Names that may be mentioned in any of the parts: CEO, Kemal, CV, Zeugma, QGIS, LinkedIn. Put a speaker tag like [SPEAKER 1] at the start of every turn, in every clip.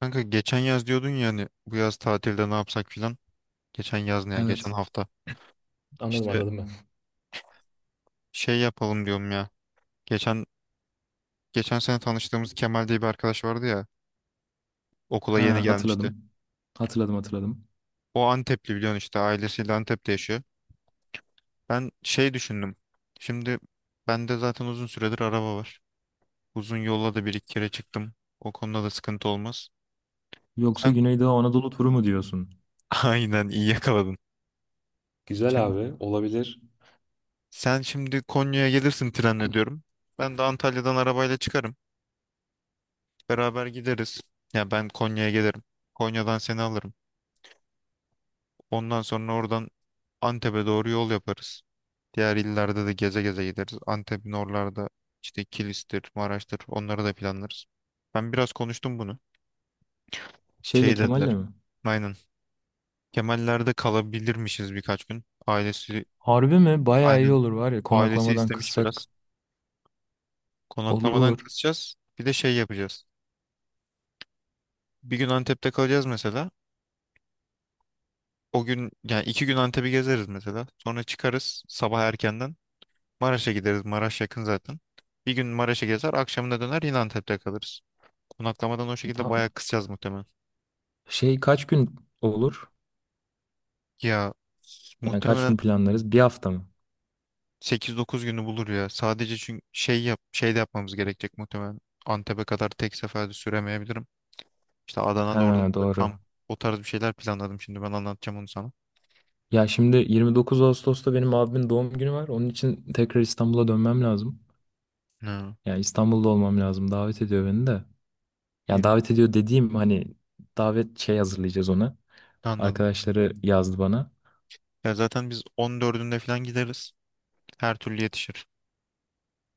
[SPEAKER 1] Kanka geçen yaz diyordun ya hani bu yaz tatilde ne yapsak filan. Geçen yaz ne ya? Geçen
[SPEAKER 2] Evet.
[SPEAKER 1] hafta.
[SPEAKER 2] Anladım
[SPEAKER 1] İşte
[SPEAKER 2] anladım ben.
[SPEAKER 1] şey yapalım diyorum ya. Geçen geçen sene tanıştığımız Kemal diye bir arkadaş vardı ya. Okula yeni
[SPEAKER 2] Ha
[SPEAKER 1] gelmişti.
[SPEAKER 2] hatırladım. Hatırladım hatırladım.
[SPEAKER 1] O Antepli biliyorsun, işte ailesiyle Antep'te yaşıyor. Ben şey düşündüm. Şimdi bende zaten uzun süredir araba var. Uzun yolla da bir iki kere çıktım. O konuda da sıkıntı olmaz.
[SPEAKER 2] Yoksa
[SPEAKER 1] Sen
[SPEAKER 2] Güneydoğu Anadolu turu mu diyorsun?
[SPEAKER 1] aynen, iyi yakaladın.
[SPEAKER 2] Güzel
[SPEAKER 1] Şimdi
[SPEAKER 2] abi olabilir.
[SPEAKER 1] sen şimdi Konya'ya gelirsin trenle diyorum. Ben de Antalya'dan arabayla çıkarım. Beraber gideriz. Ya ben Konya'ya gelirim. Konya'dan seni alırım. Ondan sonra oradan Antep'e doğru yol yaparız. Diğer illerde de geze geze gideriz. Antep'in oralarda işte Kilis'tir, Maraş'tır, onları da planlarız. Ben biraz konuştum bunu.
[SPEAKER 2] Şeyle
[SPEAKER 1] Şey
[SPEAKER 2] Kemal'le
[SPEAKER 1] dediler.
[SPEAKER 2] mi?
[SPEAKER 1] Aynen. Kemaller'de kalabilirmişiz birkaç gün.
[SPEAKER 2] Harbi mi? Bayağı iyi
[SPEAKER 1] Aynen,
[SPEAKER 2] olur var ya
[SPEAKER 1] ailesi
[SPEAKER 2] konaklamadan
[SPEAKER 1] istemiş
[SPEAKER 2] kıssak
[SPEAKER 1] biraz. Konaklamadan
[SPEAKER 2] olur.
[SPEAKER 1] kısacağız. Bir de şey yapacağız. Bir gün Antep'te kalacağız mesela. O gün, yani 2 gün Antep'i gezeriz mesela. Sonra çıkarız sabah erkenden. Maraş'a gideriz. Maraş yakın zaten. Bir gün Maraş'a gezer, akşamına döner yine Antep'te kalırız. Konaklamadan o şekilde
[SPEAKER 2] Tam,
[SPEAKER 1] bayağı kısacağız muhtemelen.
[SPEAKER 2] şey kaç gün olur?
[SPEAKER 1] Ya,
[SPEAKER 2] Yani kaç
[SPEAKER 1] muhtemelen
[SPEAKER 2] gün planlarız? Bir hafta mı?
[SPEAKER 1] 8-9 günü bulur ya. Sadece, çünkü şey de yapmamız gerekecek muhtemelen. Antep'e kadar tek seferde süremeyebilirim. İşte Adana'da, orada
[SPEAKER 2] Ha,
[SPEAKER 1] burada
[SPEAKER 2] doğru.
[SPEAKER 1] kamp, o tarz bir şeyler planladım şimdi, ben anlatacağım onu sana.
[SPEAKER 2] Ya şimdi 29 Ağustos'ta benim abimin doğum günü var. Onun için tekrar İstanbul'a dönmem lazım.
[SPEAKER 1] Ha,
[SPEAKER 2] Yani İstanbul'da olmam lazım. Davet ediyor beni de. Yani
[SPEAKER 1] 20,
[SPEAKER 2] davet ediyor dediğim hani davet şey hazırlayacağız ona.
[SPEAKER 1] anladım.
[SPEAKER 2] Arkadaşları yazdı bana.
[SPEAKER 1] Ya zaten biz 14'ünde falan gideriz. Her türlü yetişir.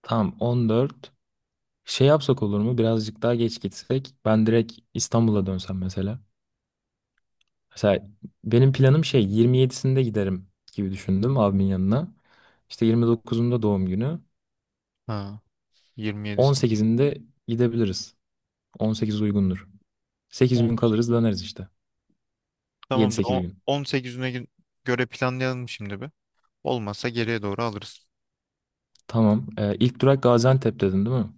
[SPEAKER 2] Tamam, 14. Şey yapsak olur mu? Birazcık daha geç gitsek. Ben direkt İstanbul'a dönsem mesela. Mesela benim planım şey 27'sinde giderim gibi düşündüm abimin yanına. İşte 29'unda doğum günü.
[SPEAKER 1] Ha, 27'sinde.
[SPEAKER 2] 18'inde gidebiliriz. 18 uygundur. 8 gün kalırız döneriz işte.
[SPEAKER 1] Tamamdır.
[SPEAKER 2] 7-8 gün.
[SPEAKER 1] 18'ine göre planlayalım şimdi bir. Olmazsa geriye doğru alırız.
[SPEAKER 2] Tamam. İlk durak Gaziantep dedin değil mi?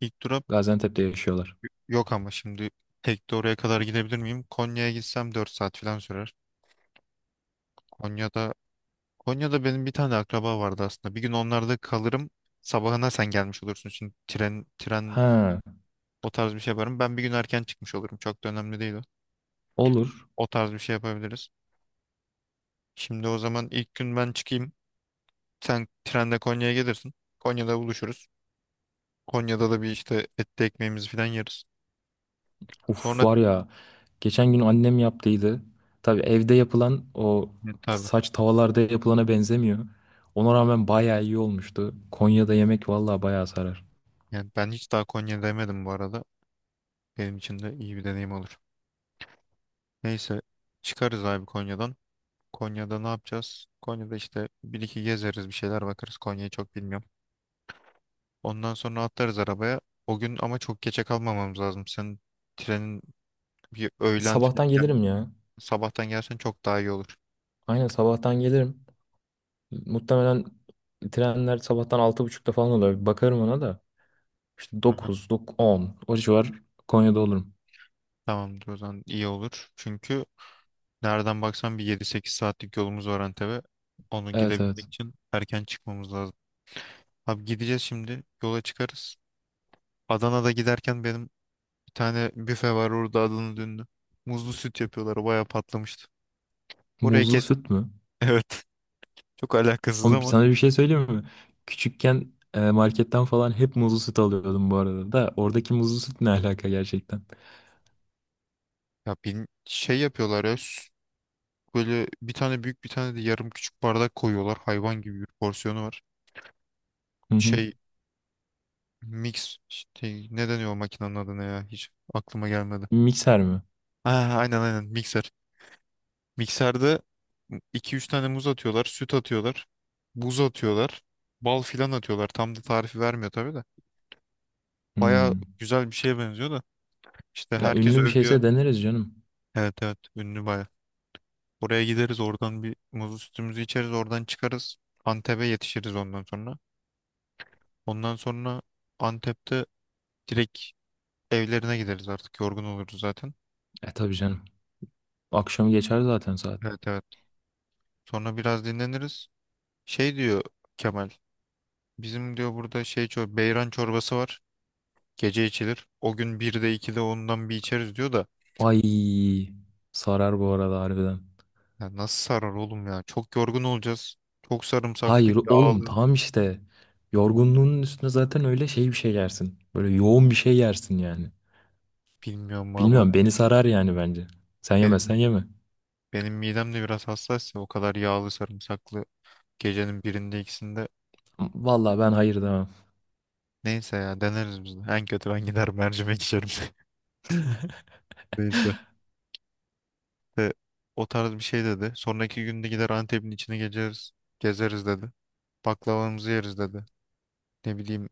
[SPEAKER 1] İlk durak
[SPEAKER 2] Gaziantep'te yaşıyorlar.
[SPEAKER 1] yok, ama şimdi tek de oraya kadar gidebilir miyim? Konya'ya gitsem 4 saat falan sürer. Konya'da Konya'da benim bir tane akraba vardı aslında. Bir gün onlarda kalırım. Sabahına sen gelmiş olursun. Şimdi tren
[SPEAKER 2] Ha,
[SPEAKER 1] o tarz bir şey yaparım. Ben bir gün erken çıkmış olurum. Çok da önemli değil o.
[SPEAKER 2] olur.
[SPEAKER 1] O tarz bir şey yapabiliriz. Şimdi o zaman ilk gün ben çıkayım. Sen trende Konya'ya gelirsin. Konya'da buluşuruz. Konya'da da bir işte etli ekmeğimizi falan yeriz.
[SPEAKER 2] Uf,
[SPEAKER 1] Sonra
[SPEAKER 2] var ya geçen gün annem yaptıydı. Tabii evde yapılan o
[SPEAKER 1] ne tabii.
[SPEAKER 2] saç tavalarda yapılana benzemiyor. Ona rağmen bayağı iyi olmuştu. Konya'da yemek vallahi bayağı sarar.
[SPEAKER 1] Yani ben hiç daha Konya demedim bu arada. Benim için de iyi bir deneyim olur. Neyse, çıkarız abi Konya'dan. Konya'da ne yapacağız? Konya'da işte bir iki gezeriz, bir şeyler bakarız. Konya'yı çok bilmiyorum. Ondan sonra atlarız arabaya. O gün ama çok geçe kalmamamız lazım. Senin trenin bir öğlen falan
[SPEAKER 2] Sabahtan gelirim
[SPEAKER 1] gelmesi-
[SPEAKER 2] ya.
[SPEAKER 1] sabahtan gelsen çok daha iyi olur.
[SPEAKER 2] Aynen, sabahtan gelirim. Muhtemelen trenler sabahtan 6.30'da falan oluyor. Bir bakarım ona da. İşte
[SPEAKER 1] Hı hı.
[SPEAKER 2] dokuz dokuz, on o civar Konya'da olurum.
[SPEAKER 1] Tamamdır, o zaman iyi olur. Çünkü nereden baksan bir 7-8 saatlik yolumuz var Antep'e. Onu
[SPEAKER 2] Evet,
[SPEAKER 1] gidebilmek
[SPEAKER 2] evet.
[SPEAKER 1] için erken çıkmamız lazım. Abi gideceğiz şimdi. Yola çıkarız. Adana'da giderken benim bir tane büfe var orada, Adana dönünü. Muzlu süt yapıyorlar. Bayağı patlamıştı. Oraya
[SPEAKER 2] Muzlu
[SPEAKER 1] kes.
[SPEAKER 2] süt mü?
[SPEAKER 1] Evet. Çok alakasız
[SPEAKER 2] Oğlum,
[SPEAKER 1] ama.
[SPEAKER 2] sana bir şey söyleyeyim mi? Küçükken marketten falan hep muzlu süt alıyordum bu arada da. Oradaki muzlu süt ne alaka gerçekten?
[SPEAKER 1] Ya bir şey yapıyorlar ya. Böyle bir tane büyük, bir tane de yarım küçük bardak koyuyorlar. Hayvan gibi bir porsiyonu var.
[SPEAKER 2] Hı hı.
[SPEAKER 1] Şey, mix. Şey, ne deniyor o makinenin adı ya? Hiç aklıma gelmedi.
[SPEAKER 2] Mikser mi?
[SPEAKER 1] Ha, aynen aynen, mikser. Mikserde 2-3 tane muz atıyorlar, süt atıyorlar, buz atıyorlar, bal filan atıyorlar. Tam da tarifi vermiyor tabii de. Baya
[SPEAKER 2] Hmm.
[SPEAKER 1] güzel bir şeye benziyor da. İşte
[SPEAKER 2] Ya
[SPEAKER 1] herkes
[SPEAKER 2] ünlü bir
[SPEAKER 1] övüyor.
[SPEAKER 2] şeyse deneriz canım.
[SPEAKER 1] Evet evet, ünlü baya. Oraya gideriz, oradan bir muzlu sütümüzü içeriz, oradan çıkarız. Antep'e yetişiriz ondan sonra. Ondan sonra Antep'te direkt evlerine gideriz, artık yorgun oluruz zaten.
[SPEAKER 2] E tabii canım. Akşamı geçer zaten saat.
[SPEAKER 1] Evet evet. Sonra biraz dinleniriz. Şey diyor Kemal. Bizim diyor burada şey, çor beyran çorbası var. Gece içilir. O gün 1'de 2'de ondan bir içeriz diyor da.
[SPEAKER 2] Ay, sarar bu arada harbiden.
[SPEAKER 1] Ya nasıl sarar oğlum ya? Çok yorgun olacağız. Çok sarımsaklı,
[SPEAKER 2] Hayır oğlum,
[SPEAKER 1] yağlı.
[SPEAKER 2] tam işte. Yorgunluğunun üstüne zaten öyle şey bir şey yersin. Böyle yoğun bir şey yersin yani.
[SPEAKER 1] Bilmiyorum valla.
[SPEAKER 2] Bilmiyorum, beni sarar yani bence. Sen
[SPEAKER 1] Benim
[SPEAKER 2] yemezsen yeme.
[SPEAKER 1] benim midem de biraz hassas ya. O kadar yağlı, sarımsaklı, gecenin birinde ikisinde.
[SPEAKER 2] Vallahi ben hayır demem.
[SPEAKER 1] Neyse ya, deneriz biz de. En kötü ben gider mercimek içerim. Neyse. E, O tarz bir şey dedi. Sonraki günde gider Antep'in içine gezeriz. Gezeriz dedi. Baklavamızı yeriz dedi. Ne bileyim,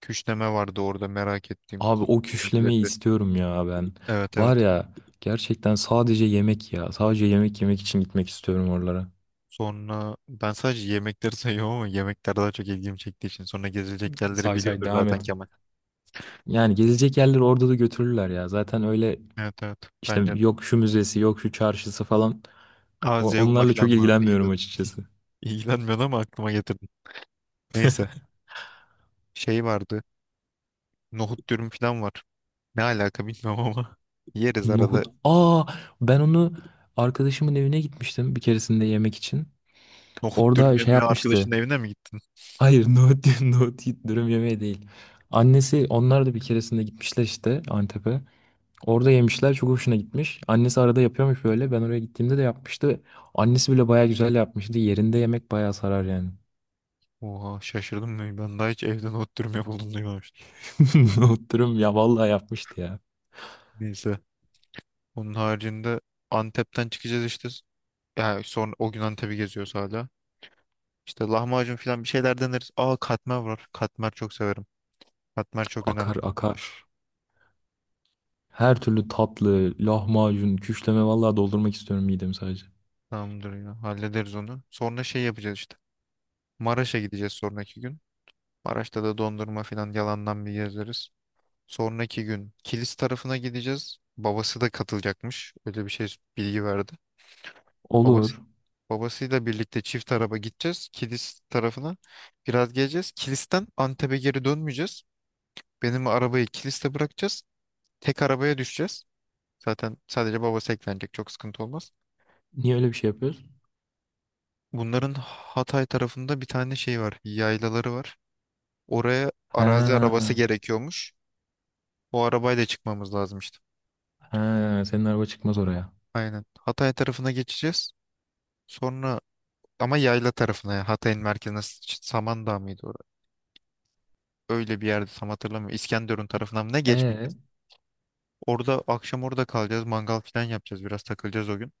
[SPEAKER 1] küşleme vardı orada merak ettiğim.
[SPEAKER 2] Abi
[SPEAKER 1] Kuzu
[SPEAKER 2] o küşlemeyi
[SPEAKER 1] omleti.
[SPEAKER 2] istiyorum ya ben.
[SPEAKER 1] Evet evet.
[SPEAKER 2] Var ya, gerçekten sadece yemek ya. Sadece yemek yemek için gitmek istiyorum oralara.
[SPEAKER 1] Sonra ben sadece yemekleri sayıyorum ama, yemekler daha çok ilgimi çektiği için. Sonra gezilecek yerleri
[SPEAKER 2] Say say
[SPEAKER 1] biliyordur
[SPEAKER 2] devam
[SPEAKER 1] zaten
[SPEAKER 2] et.
[SPEAKER 1] Kemal.
[SPEAKER 2] Yani gezilecek yerleri orada da götürürler ya. Zaten öyle
[SPEAKER 1] Evet evet,
[SPEAKER 2] işte,
[SPEAKER 1] bence de.
[SPEAKER 2] yok şu müzesi, yok şu çarşısı falan.
[SPEAKER 1] Aa, Zeugma
[SPEAKER 2] Onlarla çok
[SPEAKER 1] falan vardı, iyi
[SPEAKER 2] ilgilenmiyorum
[SPEAKER 1] dedim.
[SPEAKER 2] açıkçası.
[SPEAKER 1] İlgilenmiyordu ama aklıma getirdim. Neyse, şey vardı. Nohut dürüm falan var. Ne alaka bilmiyorum ama. Yeriz arada.
[SPEAKER 2] Nohut. Aa, ben onu arkadaşımın evine gitmiştim bir keresinde yemek için.
[SPEAKER 1] Nohut dürüm
[SPEAKER 2] Orada şey
[SPEAKER 1] yemeye
[SPEAKER 2] yapmıştı.
[SPEAKER 1] arkadaşın evine mi gittin?
[SPEAKER 2] Hayır nohut, nohut dürüm yemeği değil. Annesi, onlar da bir keresinde gitmişler işte Antep'e. Orada yemişler, çok hoşuna gitmiş. Annesi arada yapıyormuş böyle. Ben oraya gittiğimde de yapmıştı. Annesi bile baya güzel yapmıştı. Yerinde yemek baya sarar yani.
[SPEAKER 1] Oha, şaşırdım ben. Ben daha hiç evde nohut dürüm yapıldığını duymamıştım.
[SPEAKER 2] Oturum ya, vallahi yapmıştı ya.
[SPEAKER 1] Neyse. Onun haricinde Antep'ten çıkacağız işte. Yani sonra, o gün Antep'i geziyoruz hala. İşte lahmacun falan, bir şeyler deneriz. Aa, katmer var. Katmer çok severim. Katmer çok önemli.
[SPEAKER 2] Akar akar. Her türlü tatlı, lahmacun, küşleme, vallahi doldurmak istiyorum midemi sadece.
[SPEAKER 1] Tamamdır ya. Hallederiz onu. Sonra şey yapacağız işte. Maraş'a gideceğiz sonraki gün. Maraş'ta da dondurma falan yalandan bir gezeriz. Sonraki gün Kilis tarafına gideceğiz. Babası da katılacakmış. Öyle bir şey bilgi verdi. Babası,
[SPEAKER 2] Olur.
[SPEAKER 1] Babasıyla birlikte çift araba gideceğiz. Kilis tarafına biraz geleceğiz. Kilis'ten Antep'e geri dönmeyeceğiz. Benim arabayı Kilis'te bırakacağız. Tek arabaya düşeceğiz. Zaten sadece babası eklenecek. Çok sıkıntı olmaz.
[SPEAKER 2] Niye öyle bir şey yapıyoruz?
[SPEAKER 1] Bunların Hatay tarafında bir tane şey var. Yaylaları var. Oraya arazi arabası
[SPEAKER 2] He,
[SPEAKER 1] gerekiyormuş. O arabayla çıkmamız lazım işte.
[SPEAKER 2] he, senin araba çıkmaz oraya.
[SPEAKER 1] Aynen. Hatay tarafına geçeceğiz. Sonra ama yayla tarafına, yani Hatay'ın merkezine Samandağ mıydı orası? Öyle bir yerde, tam hatırlamıyorum. İskenderun tarafına mı ne
[SPEAKER 2] E,
[SPEAKER 1] geçmeyeceğiz. Orada akşam orada kalacağız. Mangal falan yapacağız. Biraz takılacağız o gün.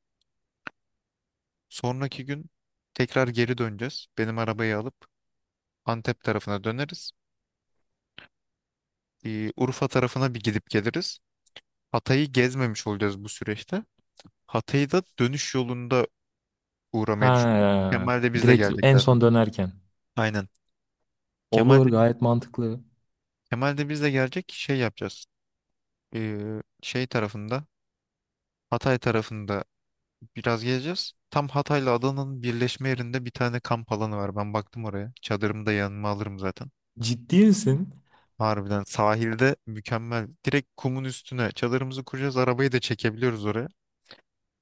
[SPEAKER 1] Sonraki gün tekrar geri döneceğiz. Benim arabayı alıp Antep tarafına döneriz. Urfa tarafına bir gidip geliriz. Hatay'ı gezmemiş olacağız bu süreçte. Hatay'ı da dönüş yolunda uğramayı düşünüyorum.
[SPEAKER 2] ha,
[SPEAKER 1] Kemal de bizle
[SPEAKER 2] direkt
[SPEAKER 1] gelecek
[SPEAKER 2] en
[SPEAKER 1] zaten.
[SPEAKER 2] son dönerken.
[SPEAKER 1] Aynen. Kemal
[SPEAKER 2] Olur,
[SPEAKER 1] de,
[SPEAKER 2] gayet mantıklı.
[SPEAKER 1] Kemal de bizle gelecek. Şey yapacağız. E, Şey tarafında, Hatay tarafında biraz gezeceğiz. Tam Hatay'la Adana'nın birleşme yerinde bir tane kamp alanı var. Ben baktım oraya. Çadırımı da yanıma alırım zaten.
[SPEAKER 2] Ciddi misin?
[SPEAKER 1] Harbiden sahilde mükemmel. Direkt kumun üstüne çadırımızı kuracağız. Arabayı da çekebiliyoruz oraya.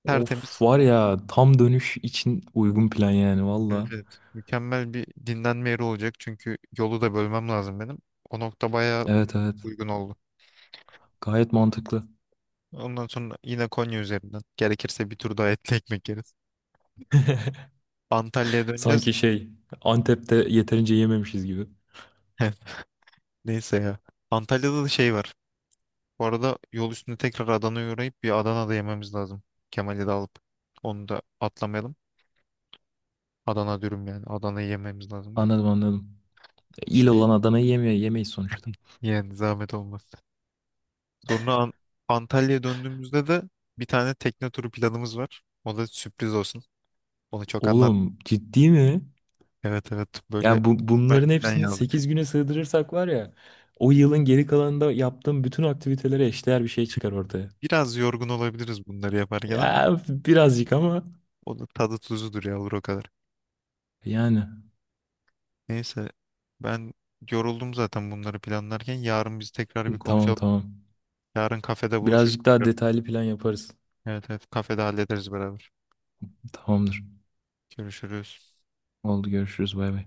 [SPEAKER 2] Of,
[SPEAKER 1] Tertemiz.
[SPEAKER 2] var ya tam dönüş için uygun plan yani
[SPEAKER 1] Evet,
[SPEAKER 2] valla.
[SPEAKER 1] evet. Mükemmel bir dinlenme yeri olacak, çünkü yolu da bölmem lazım benim. O nokta bayağı
[SPEAKER 2] Evet, evet,
[SPEAKER 1] uygun oldu.
[SPEAKER 2] gayet mantıklı.
[SPEAKER 1] Ondan sonra yine Konya üzerinden. Gerekirse bir tur daha etli ekmek yeriz. Antalya'ya döneceğiz.
[SPEAKER 2] Sanki şey Antep'te yeterince yememişiz gibi.
[SPEAKER 1] Neyse ya. Antalya'da da şey var. Bu arada yol üstünde tekrar Adana'ya uğrayıp bir Adana'da yememiz lazım. Kemal'i de alıp onu da atlamayalım. Adana dürüm yani. Adana'yı yememiz lazım.
[SPEAKER 2] Anladım anladım. İl olan
[SPEAKER 1] Şey,
[SPEAKER 2] Adana'yı yemiyor yemeyiz sonuçta.
[SPEAKER 1] yani zahmet olmaz. Sonra Antalya'ya döndüğümüzde de bir tane tekne turu planımız var. O da sürpriz olsun. Onu çok anlat.
[SPEAKER 2] Oğlum ciddi mi?
[SPEAKER 1] Evet evet, böyle
[SPEAKER 2] Ya bu,
[SPEAKER 1] mükemmel
[SPEAKER 2] bunların
[SPEAKER 1] bir plan
[SPEAKER 2] hepsini
[SPEAKER 1] yazdık.
[SPEAKER 2] 8 güne sığdırırsak var ya o yılın geri kalanında yaptığım bütün aktivitelere eşdeğer bir şey çıkar ortaya.
[SPEAKER 1] Biraz yorgun olabiliriz bunları yaparken ama
[SPEAKER 2] Ya birazcık ama
[SPEAKER 1] o da tadı tuzudur yavru, o kadar.
[SPEAKER 2] yani.
[SPEAKER 1] Neyse, ben yoruldum zaten bunları planlarken. Yarın biz tekrar bir
[SPEAKER 2] Tamam,
[SPEAKER 1] konuşalım.
[SPEAKER 2] tamam.
[SPEAKER 1] Yarın kafede buluşuruz
[SPEAKER 2] Birazcık daha
[SPEAKER 1] tekrar.
[SPEAKER 2] detaylı plan yaparız.
[SPEAKER 1] Evet evet, kafede hallederiz beraber.
[SPEAKER 2] Tamamdır.
[SPEAKER 1] Görüşürüz.
[SPEAKER 2] Oldu, görüşürüz, bay bay.